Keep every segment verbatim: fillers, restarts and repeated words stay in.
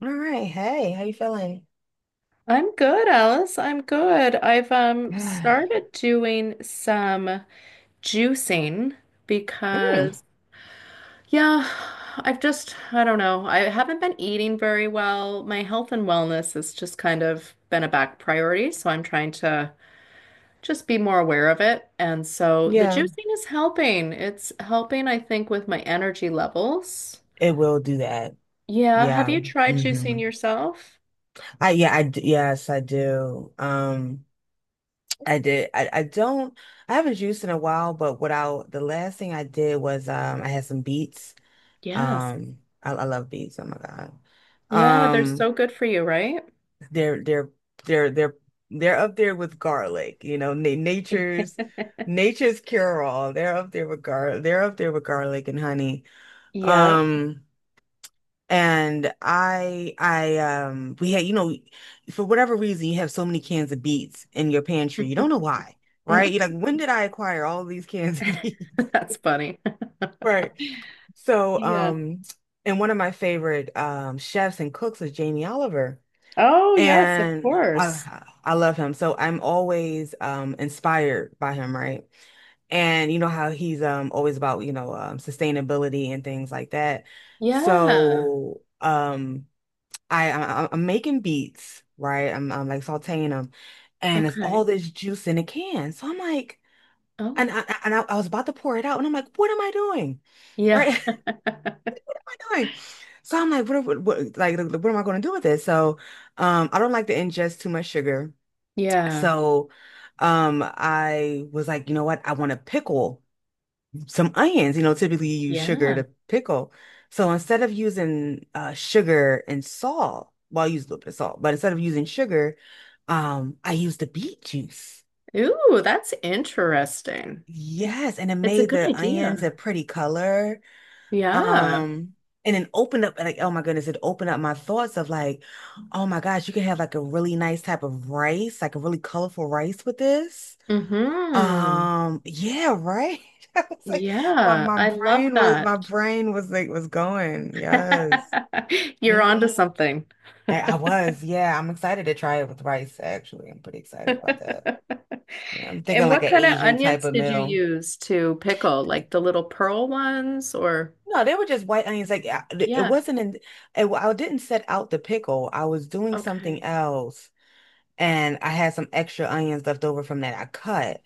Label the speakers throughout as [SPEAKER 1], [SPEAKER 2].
[SPEAKER 1] All right. Hey, how you feeling?
[SPEAKER 2] I'm good, Alice. I'm good. I've um started doing some juicing
[SPEAKER 1] Mm,
[SPEAKER 2] because yeah, I've just I don't know. I haven't been eating very well. My health and wellness has just kind of been a back priority, so I'm trying to just be more aware of it. And so the
[SPEAKER 1] yeah,
[SPEAKER 2] juicing is helping. It's helping, I think, with my energy levels.
[SPEAKER 1] it will do that.
[SPEAKER 2] Yeah, have
[SPEAKER 1] Yeah.
[SPEAKER 2] you tried
[SPEAKER 1] hmm
[SPEAKER 2] juicing yourself?
[SPEAKER 1] I yeah, I d- yes, I do. Um, I did. I, I don't I haven't juiced in a while, but what I the last thing I did was um I had some beets.
[SPEAKER 2] Yes.
[SPEAKER 1] Um I, I love beets. Oh my God.
[SPEAKER 2] Yeah, they're
[SPEAKER 1] Um
[SPEAKER 2] so good for you, right?
[SPEAKER 1] they're they're they're they're they're up there with garlic, you know, na nature's nature's cure all. They're up there with gar they're up there with garlic and honey.
[SPEAKER 2] Yeah.
[SPEAKER 1] Um, and I, I, um, we had, you know, for whatever reason, you have so many cans of beets in your pantry. You don't know why, right? You're like, when did I acquire all these cans of beets?
[SPEAKER 2] That's funny.
[SPEAKER 1] Right. So,
[SPEAKER 2] Yeah.
[SPEAKER 1] um, and one of my favorite um chefs and cooks is Jamie Oliver.
[SPEAKER 2] Oh, yes, of
[SPEAKER 1] And
[SPEAKER 2] course.
[SPEAKER 1] I I love him. So I'm always um inspired by him, right? And you know how he's um always about, you know, um sustainability and things like that.
[SPEAKER 2] Yeah.
[SPEAKER 1] So um I, I I'm making beats, right? I'm I'm like sautéing them and it's all
[SPEAKER 2] Okay.
[SPEAKER 1] this juice in a can. So I'm like,
[SPEAKER 2] Oh,
[SPEAKER 1] and I and I, I was about to pour it out, and I'm like, what am I doing?
[SPEAKER 2] yeah.
[SPEAKER 1] Right? What am I doing? So I'm like, what, what, what like like, what am I going to do with this? So um, I don't like to ingest too much sugar.
[SPEAKER 2] Yeah.
[SPEAKER 1] So, um, I was like, you know what? I want to pickle some onions. You know, typically you use sugar
[SPEAKER 2] Yeah.
[SPEAKER 1] to pickle. So instead of using uh, sugar and salt, well, I use a little bit of salt, but instead of using sugar, um, I used the beet juice.
[SPEAKER 2] Ooh, that's interesting.
[SPEAKER 1] Yes, and it
[SPEAKER 2] It's a
[SPEAKER 1] made
[SPEAKER 2] good
[SPEAKER 1] the onions a
[SPEAKER 2] idea.
[SPEAKER 1] pretty color.
[SPEAKER 2] Yeah.
[SPEAKER 1] Um, and then opened up like, oh my goodness, it opened up my thoughts of like, oh my gosh, you can have like a really nice type of rice, like a really colorful rice with this.
[SPEAKER 2] Mm-hmm.
[SPEAKER 1] Um, yeah, right. I was like, my
[SPEAKER 2] Yeah.
[SPEAKER 1] my
[SPEAKER 2] I love
[SPEAKER 1] brain was my
[SPEAKER 2] that.
[SPEAKER 1] brain was like was going. Yes.
[SPEAKER 2] You're
[SPEAKER 1] hmm
[SPEAKER 2] onto something.
[SPEAKER 1] I, I was, yeah. I'm excited to try it with rice, actually. I'm pretty excited about that. Yeah, I'm thinking
[SPEAKER 2] And
[SPEAKER 1] like
[SPEAKER 2] what
[SPEAKER 1] an
[SPEAKER 2] kind of
[SPEAKER 1] Asian type
[SPEAKER 2] onions
[SPEAKER 1] of
[SPEAKER 2] did you
[SPEAKER 1] meal.
[SPEAKER 2] use to pickle? Like the little pearl ones or?
[SPEAKER 1] No, they were just white onions. Like I- it
[SPEAKER 2] Yeah.
[SPEAKER 1] wasn't in, it, I didn't set out the pickle. I was doing something
[SPEAKER 2] Okay.
[SPEAKER 1] else. And I had some extra onions left over from that I cut.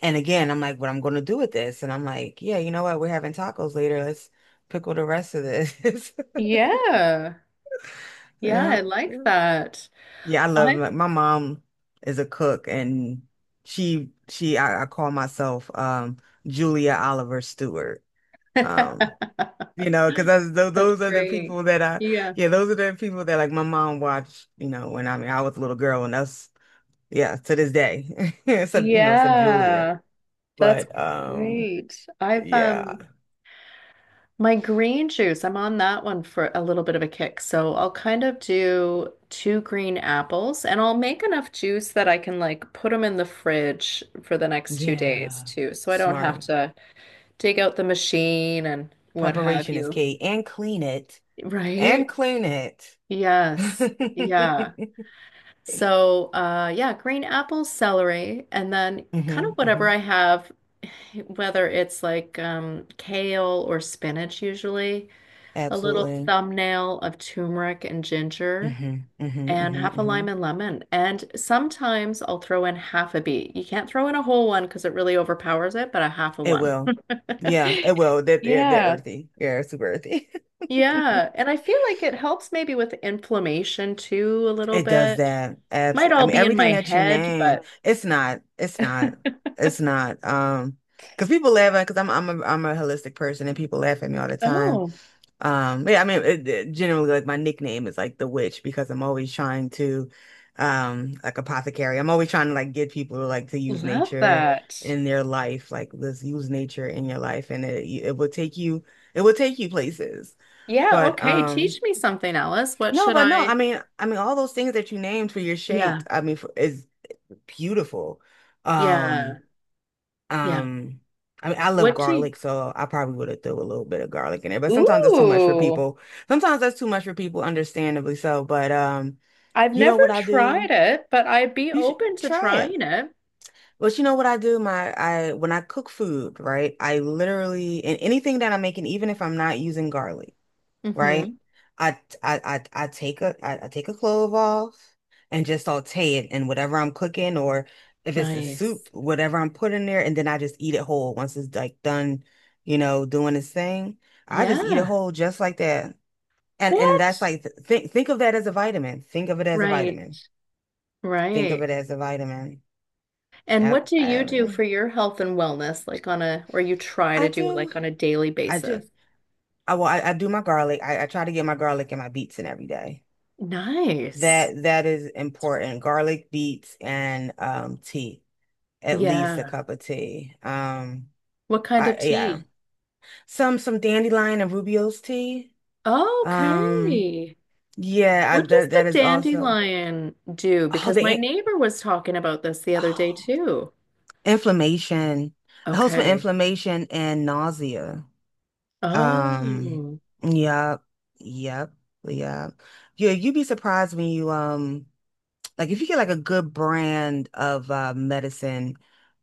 [SPEAKER 1] And again, I'm like, what I'm gonna do with this? And I'm like, yeah, you know what? We're having tacos later. Let's pickle the rest of this.
[SPEAKER 2] Yeah.
[SPEAKER 1] You
[SPEAKER 2] Yeah, I
[SPEAKER 1] know?
[SPEAKER 2] like
[SPEAKER 1] Yeah,
[SPEAKER 2] that.
[SPEAKER 1] Yeah, I love
[SPEAKER 2] I
[SPEAKER 1] my, my mom is a cook and she she I, I call myself um Julia Oliver Stewart. Um, you know, because those,
[SPEAKER 2] That's
[SPEAKER 1] those are the
[SPEAKER 2] great.
[SPEAKER 1] people that I
[SPEAKER 2] Yeah.
[SPEAKER 1] yeah, those are the people that like my mom watched, you know, when I mean I was a little girl and us yeah, to this day. Sub, you know, sub Julia.
[SPEAKER 2] Yeah. That's
[SPEAKER 1] But um,
[SPEAKER 2] great. I've
[SPEAKER 1] yeah,
[SPEAKER 2] um my green juice, I'm on that one for a little bit of a kick. So I'll kind of do two green apples and I'll make enough juice that I can like put them in the fridge for the next two days
[SPEAKER 1] yeah,
[SPEAKER 2] too. So I don't have
[SPEAKER 1] smart.
[SPEAKER 2] to dig out the machine and what have
[SPEAKER 1] Preparation is
[SPEAKER 2] you.
[SPEAKER 1] key, and clean it, and
[SPEAKER 2] Right?
[SPEAKER 1] clean it.
[SPEAKER 2] Yes. Yeah.
[SPEAKER 1] hmm
[SPEAKER 2] So, uh, yeah, green apples, celery, and then kind of whatever
[SPEAKER 1] hmm
[SPEAKER 2] I have, whether it's like um, kale or spinach, usually a little
[SPEAKER 1] Absolutely.
[SPEAKER 2] thumbnail of turmeric and ginger,
[SPEAKER 1] hmm hmm
[SPEAKER 2] and
[SPEAKER 1] hmm
[SPEAKER 2] half a
[SPEAKER 1] hmm
[SPEAKER 2] lime and lemon. And sometimes I'll throw in half a beet. You can't throw in a whole one because it really overpowers it, but a half a
[SPEAKER 1] It
[SPEAKER 2] one.
[SPEAKER 1] will. Yeah, it will. They're, they're they're
[SPEAKER 2] Yeah.
[SPEAKER 1] earthy. Yeah, they super earthy.
[SPEAKER 2] Yeah, and I feel like it helps maybe with inflammation too, a little
[SPEAKER 1] It does
[SPEAKER 2] bit.
[SPEAKER 1] that. Abs.
[SPEAKER 2] Might
[SPEAKER 1] I
[SPEAKER 2] all
[SPEAKER 1] mean,
[SPEAKER 2] be in
[SPEAKER 1] everything
[SPEAKER 2] my
[SPEAKER 1] that you
[SPEAKER 2] head,
[SPEAKER 1] name,
[SPEAKER 2] but.
[SPEAKER 1] it's not. It's not. It's not. Um, because people laugh at because I'm I'm a I'm a holistic person, and people laugh at me all the time.
[SPEAKER 2] Oh,
[SPEAKER 1] Um, yeah, I mean, it, it- generally, like my nickname is like the witch because I'm always trying to, um, like apothecary. I'm always trying to like get people like to use
[SPEAKER 2] love
[SPEAKER 1] nature
[SPEAKER 2] that.
[SPEAKER 1] in their life, like let's use nature in your life, and it it will take you it will take you places.
[SPEAKER 2] Yeah,
[SPEAKER 1] But
[SPEAKER 2] okay.
[SPEAKER 1] um,
[SPEAKER 2] Teach me something, Alice. What
[SPEAKER 1] no,
[SPEAKER 2] should
[SPEAKER 1] but no, I
[SPEAKER 2] I?
[SPEAKER 1] mean, I mean, all those things that you named for your shake,
[SPEAKER 2] Yeah,
[SPEAKER 1] I mean, for, is beautiful.
[SPEAKER 2] yeah,
[SPEAKER 1] Um.
[SPEAKER 2] yeah.
[SPEAKER 1] Um, I mean, I love
[SPEAKER 2] What do you...
[SPEAKER 1] garlic, so I probably would have threw a little bit of garlic in it, but sometimes that's too much for
[SPEAKER 2] Ooh,
[SPEAKER 1] people. Sometimes that's too much for people, understandably so. But um,
[SPEAKER 2] I've
[SPEAKER 1] you know
[SPEAKER 2] never
[SPEAKER 1] what I do?
[SPEAKER 2] tried it, but I'd be
[SPEAKER 1] You should
[SPEAKER 2] open to
[SPEAKER 1] try it.
[SPEAKER 2] trying it.
[SPEAKER 1] But you know what I do? My I when I cook food, right? I literally and anything that I'm making, even if I'm not using garlic
[SPEAKER 2] Mm-hmm.
[SPEAKER 1] right? I I I, I take a I, I take a clove off and just saute it in whatever I'm cooking or if it's a soup,
[SPEAKER 2] Nice.
[SPEAKER 1] whatever I'm putting there, and then I just eat it whole once it's like done, you know, doing its thing. I just eat it
[SPEAKER 2] Yeah.
[SPEAKER 1] whole just like that. And and that's
[SPEAKER 2] What?
[SPEAKER 1] like th think think of that as a vitamin. Think of it as a
[SPEAKER 2] Right,
[SPEAKER 1] vitamin. Think of
[SPEAKER 2] right.
[SPEAKER 1] it as a vitamin.
[SPEAKER 2] And what
[SPEAKER 1] Yep.
[SPEAKER 2] do you do
[SPEAKER 1] I,
[SPEAKER 2] for your health and wellness, like on a, or you try
[SPEAKER 1] I
[SPEAKER 2] to do
[SPEAKER 1] do.
[SPEAKER 2] like on a daily
[SPEAKER 1] I do.
[SPEAKER 2] basis?
[SPEAKER 1] I well, I, I do my garlic. I, I try to get my garlic and my beets in every day.
[SPEAKER 2] Nice.
[SPEAKER 1] That that is important. Garlic beets and um tea. At least a
[SPEAKER 2] Yeah.
[SPEAKER 1] cup of tea. Um
[SPEAKER 2] What kind
[SPEAKER 1] I
[SPEAKER 2] of
[SPEAKER 1] yeah.
[SPEAKER 2] tea?
[SPEAKER 1] Some some dandelion and Rubio's tea. Um
[SPEAKER 2] Okay.
[SPEAKER 1] yeah, I
[SPEAKER 2] What does
[SPEAKER 1] that
[SPEAKER 2] the
[SPEAKER 1] that is also
[SPEAKER 2] dandelion do?
[SPEAKER 1] oh
[SPEAKER 2] Because
[SPEAKER 1] the
[SPEAKER 2] my
[SPEAKER 1] in-
[SPEAKER 2] neighbor was talking about this the other day
[SPEAKER 1] oh
[SPEAKER 2] too.
[SPEAKER 1] inflammation. It helps with
[SPEAKER 2] Okay.
[SPEAKER 1] inflammation and nausea. Um
[SPEAKER 2] Oh.
[SPEAKER 1] yep. Yep. Yep. Yeah, you'd be surprised when you um like if you get like a good brand of uh, medicine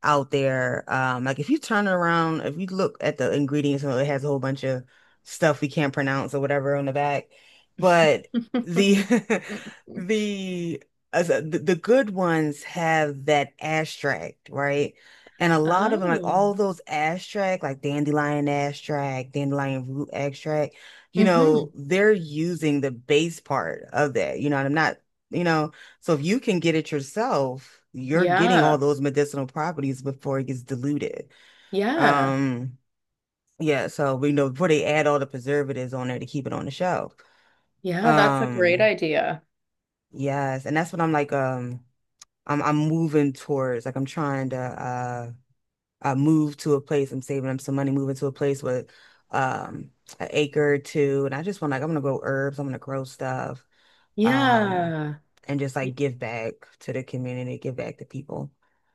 [SPEAKER 1] out there, um, like if you turn around, if you look at the ingredients, you know, it has a whole bunch of stuff we can't pronounce or whatever on the back. But the the as a- the, the good ones have that extract, right? And a lot of them, like
[SPEAKER 2] Oh.
[SPEAKER 1] all those extract, like dandelion extract, dandelion root extract, you
[SPEAKER 2] Hmm.
[SPEAKER 1] know, they're using the base part of that. You know, and I'm not, you know. So if you can get it yourself, you're getting all
[SPEAKER 2] Yeah.
[SPEAKER 1] those medicinal properties before it gets diluted.
[SPEAKER 2] Yeah.
[SPEAKER 1] Um, yeah, so we know before they add all the preservatives on there to keep it on the shelf.
[SPEAKER 2] Yeah, that's a great
[SPEAKER 1] Um,
[SPEAKER 2] idea.
[SPEAKER 1] yes, and that's what I'm like, um, I'm I'm moving towards like I'm trying to uh uh move to a place, I'm saving up some money, moving to a place with um an acre or two, and I just want like I'm gonna grow herbs, I'm gonna grow stuff, um,
[SPEAKER 2] Yeah.
[SPEAKER 1] and just like
[SPEAKER 2] Y-
[SPEAKER 1] give back to the community, give back to people,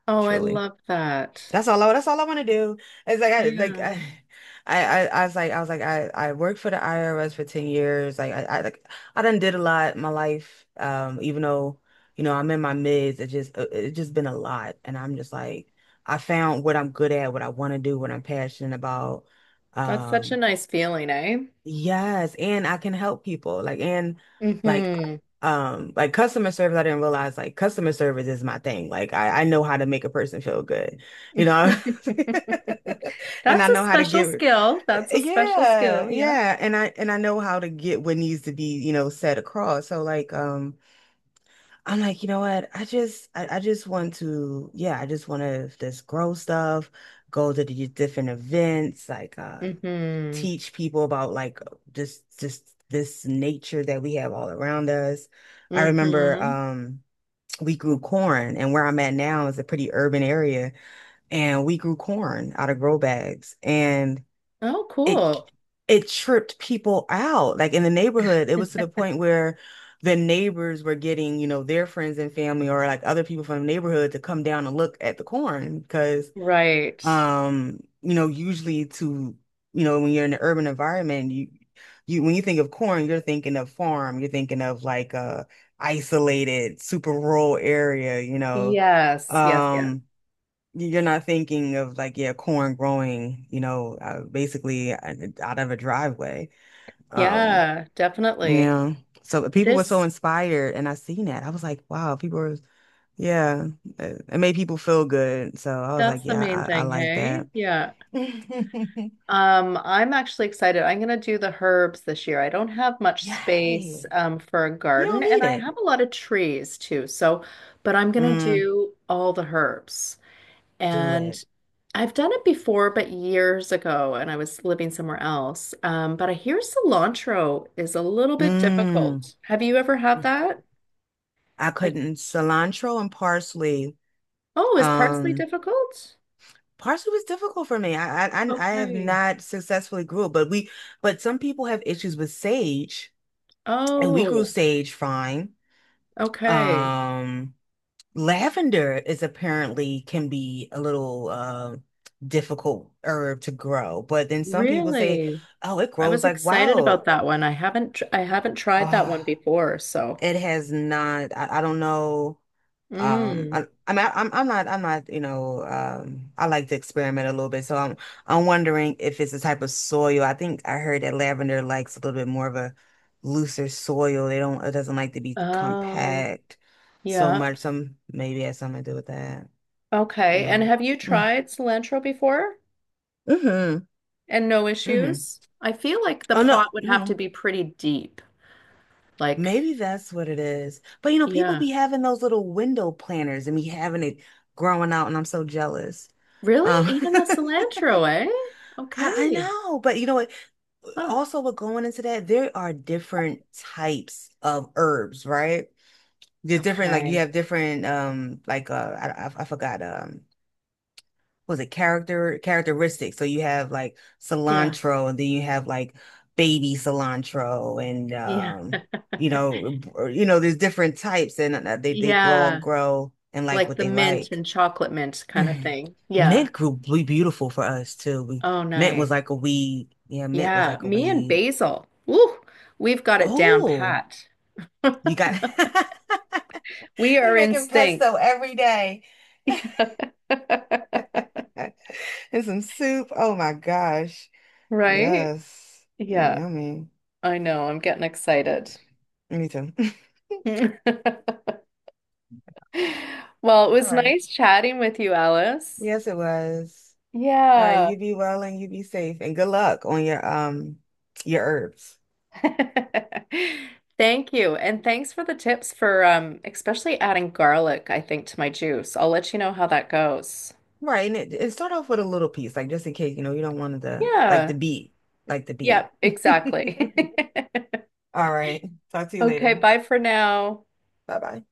[SPEAKER 2] Oh, I
[SPEAKER 1] truly.
[SPEAKER 2] love that.
[SPEAKER 1] That's all I, that's all I want to do. It's like I like
[SPEAKER 2] Yeah.
[SPEAKER 1] I, I I I was like I was like I I worked for the I R S for ten years. Like I, I like I done did a lot in my life. Um, even though, you know, I'm in my mids, it just uh, it just been a lot. And I'm just like I found what I'm good at, what I want to do, what I'm passionate about.
[SPEAKER 2] That's such a
[SPEAKER 1] Um,
[SPEAKER 2] nice feeling, eh?
[SPEAKER 1] Yes, and I can help people. Like and like
[SPEAKER 2] Hmm.
[SPEAKER 1] um like customer service, I didn't realize like customer service is my thing. Like I, I know how to make a person feel good, you know? And I
[SPEAKER 2] That's a
[SPEAKER 1] know how to
[SPEAKER 2] special
[SPEAKER 1] give
[SPEAKER 2] skill. That's a special
[SPEAKER 1] yeah,
[SPEAKER 2] skill, yeah.
[SPEAKER 1] yeah. And I and I know how to get what needs to be, you know, set across. So like um I'm like, you know what? I just I, I just want to yeah, I just want to just grow stuff, go to the different events, like uh
[SPEAKER 2] Hmm.
[SPEAKER 1] teach people about like just just this nature that we have all around us. I remember
[SPEAKER 2] Hmm.
[SPEAKER 1] um we grew corn and where I'm at now is a pretty urban area and we grew corn out of grow bags and
[SPEAKER 2] Oh,
[SPEAKER 1] it
[SPEAKER 2] cool.
[SPEAKER 1] it tripped people out. Like in the neighborhood, it was to the point where the neighbors were getting, you know, their friends and family or like other people from the neighborhood to come down and look at the corn because
[SPEAKER 2] Right.
[SPEAKER 1] um, you know, usually to, you know, when you're in an urban environment, you you when you think of corn, you're thinking of farm, you're thinking of like a isolated, super rural area, you know.
[SPEAKER 2] Yes, yes, yeah.
[SPEAKER 1] Um, you're not thinking of like, yeah, corn growing, you know, uh, basically uh, out of a driveway. Um,
[SPEAKER 2] Yeah, definitely.
[SPEAKER 1] yeah. So people were so
[SPEAKER 2] This
[SPEAKER 1] inspired, and I seen that. I was like, wow, people are yeah, it it made people feel good. So I was
[SPEAKER 2] that's
[SPEAKER 1] like,
[SPEAKER 2] the
[SPEAKER 1] yeah,
[SPEAKER 2] main
[SPEAKER 1] I, I
[SPEAKER 2] thing,
[SPEAKER 1] like
[SPEAKER 2] hey?
[SPEAKER 1] that.
[SPEAKER 2] Yeah.
[SPEAKER 1] Yay.
[SPEAKER 2] Um, I'm actually excited. I'm gonna do the herbs this year. I don't have much space
[SPEAKER 1] You
[SPEAKER 2] um for a
[SPEAKER 1] don't
[SPEAKER 2] garden and
[SPEAKER 1] need
[SPEAKER 2] I
[SPEAKER 1] it.
[SPEAKER 2] have a lot of trees too. So, but I'm gonna
[SPEAKER 1] Mm,
[SPEAKER 2] do all the herbs.
[SPEAKER 1] do
[SPEAKER 2] And
[SPEAKER 1] it.
[SPEAKER 2] I've done it before, but years ago, and I was living somewhere else. Um, but I hear cilantro is a little bit
[SPEAKER 1] Mm.
[SPEAKER 2] difficult. Have you ever had that?
[SPEAKER 1] I
[SPEAKER 2] Like,
[SPEAKER 1] couldn't. Cilantro and parsley.
[SPEAKER 2] oh, is parsley
[SPEAKER 1] Um,
[SPEAKER 2] difficult?
[SPEAKER 1] parsley was difficult for me. I I I I have
[SPEAKER 2] Okay.
[SPEAKER 1] not successfully grew it, but we but some people have issues with sage, and we grew
[SPEAKER 2] Oh,
[SPEAKER 1] sage fine.
[SPEAKER 2] okay.
[SPEAKER 1] Um, lavender is apparently can be a little uh difficult herb to grow, but then some people say,
[SPEAKER 2] Really?
[SPEAKER 1] oh, it
[SPEAKER 2] I
[SPEAKER 1] grows
[SPEAKER 2] was
[SPEAKER 1] like
[SPEAKER 2] excited about
[SPEAKER 1] wild.
[SPEAKER 2] that one. I haven't tr I haven't tried that one
[SPEAKER 1] Ah.
[SPEAKER 2] before, so.
[SPEAKER 1] It has not. I, I don't know. Um,
[SPEAKER 2] Mm.
[SPEAKER 1] I, I mean, I, I'm I'm not I'm not you know. Um, I like to experiment a little bit, so I'm I'm wondering if it's the type of soil. I think I heard that lavender likes a little bit more of a looser soil. They don't. It doesn't like to be
[SPEAKER 2] Oh,
[SPEAKER 1] compact so
[SPEAKER 2] yeah.
[SPEAKER 1] much. Some maybe it has something to do with that. You
[SPEAKER 2] Okay. And
[SPEAKER 1] know.
[SPEAKER 2] have you tried cilantro before?
[SPEAKER 1] Mm-hmm.
[SPEAKER 2] And no
[SPEAKER 1] Mm-hmm.
[SPEAKER 2] issues? I feel like the
[SPEAKER 1] Oh no,
[SPEAKER 2] pot would have to
[SPEAKER 1] no.
[SPEAKER 2] be pretty deep. Like,
[SPEAKER 1] Maybe that's what it is. But you know, people be
[SPEAKER 2] yeah.
[SPEAKER 1] having those little window planners and be having it growing out, and I'm so jealous.
[SPEAKER 2] Really?
[SPEAKER 1] Um,
[SPEAKER 2] Even the cilantro, eh?
[SPEAKER 1] I, I
[SPEAKER 2] Okay.
[SPEAKER 1] know, but you know what?
[SPEAKER 2] Huh.
[SPEAKER 1] Also, with going into that, there are different types of herbs, right? There's different, like you
[SPEAKER 2] Okay.
[SPEAKER 1] have different, um, like uh, I, I I forgot, um, was it character characteristics? So you have like
[SPEAKER 2] Yeah.
[SPEAKER 1] cilantro, and then you have like baby cilantro, and
[SPEAKER 2] Yeah.
[SPEAKER 1] um, you know, or, you know, there's different types, and uh, they they grow
[SPEAKER 2] Yeah.
[SPEAKER 1] grow and like
[SPEAKER 2] Like
[SPEAKER 1] what
[SPEAKER 2] the
[SPEAKER 1] they
[SPEAKER 2] mint
[SPEAKER 1] like.
[SPEAKER 2] and chocolate mint kind of
[SPEAKER 1] Mhm.
[SPEAKER 2] thing. Yeah.
[SPEAKER 1] Mint grew be- beautiful for us too. We,
[SPEAKER 2] Oh,
[SPEAKER 1] mint was
[SPEAKER 2] nice.
[SPEAKER 1] like a weed. Yeah, mint was
[SPEAKER 2] Yeah.
[SPEAKER 1] like a
[SPEAKER 2] Me and
[SPEAKER 1] weed.
[SPEAKER 2] basil. Woo, we've got it down
[SPEAKER 1] Oh,
[SPEAKER 2] pat.
[SPEAKER 1] you got
[SPEAKER 2] We
[SPEAKER 1] you
[SPEAKER 2] are in
[SPEAKER 1] making
[SPEAKER 2] sync.
[SPEAKER 1] pesto every day.
[SPEAKER 2] Yeah.
[SPEAKER 1] And some soup. Oh my gosh.
[SPEAKER 2] Right?
[SPEAKER 1] Yes.
[SPEAKER 2] Yeah.
[SPEAKER 1] Yummy.
[SPEAKER 2] I know. I'm getting excited.
[SPEAKER 1] Me too.
[SPEAKER 2] Well, it
[SPEAKER 1] All
[SPEAKER 2] was
[SPEAKER 1] right.
[SPEAKER 2] nice chatting with you, Alice.
[SPEAKER 1] Yes, it was. All right,
[SPEAKER 2] Yeah.
[SPEAKER 1] you be well and you be safe and good luck on your um your herbs.
[SPEAKER 2] Thank you. And thanks for the tips for um especially adding garlic, I think, to my juice. I'll let you know how that goes.
[SPEAKER 1] Right, and it, it start off with a little piece, like just in case, you know, you don't want the like the
[SPEAKER 2] Yeah.
[SPEAKER 1] beat, like the beat.
[SPEAKER 2] Yep, exactly.
[SPEAKER 1] All right. Talk to you
[SPEAKER 2] Okay,
[SPEAKER 1] later.
[SPEAKER 2] bye for now.
[SPEAKER 1] Bye bye.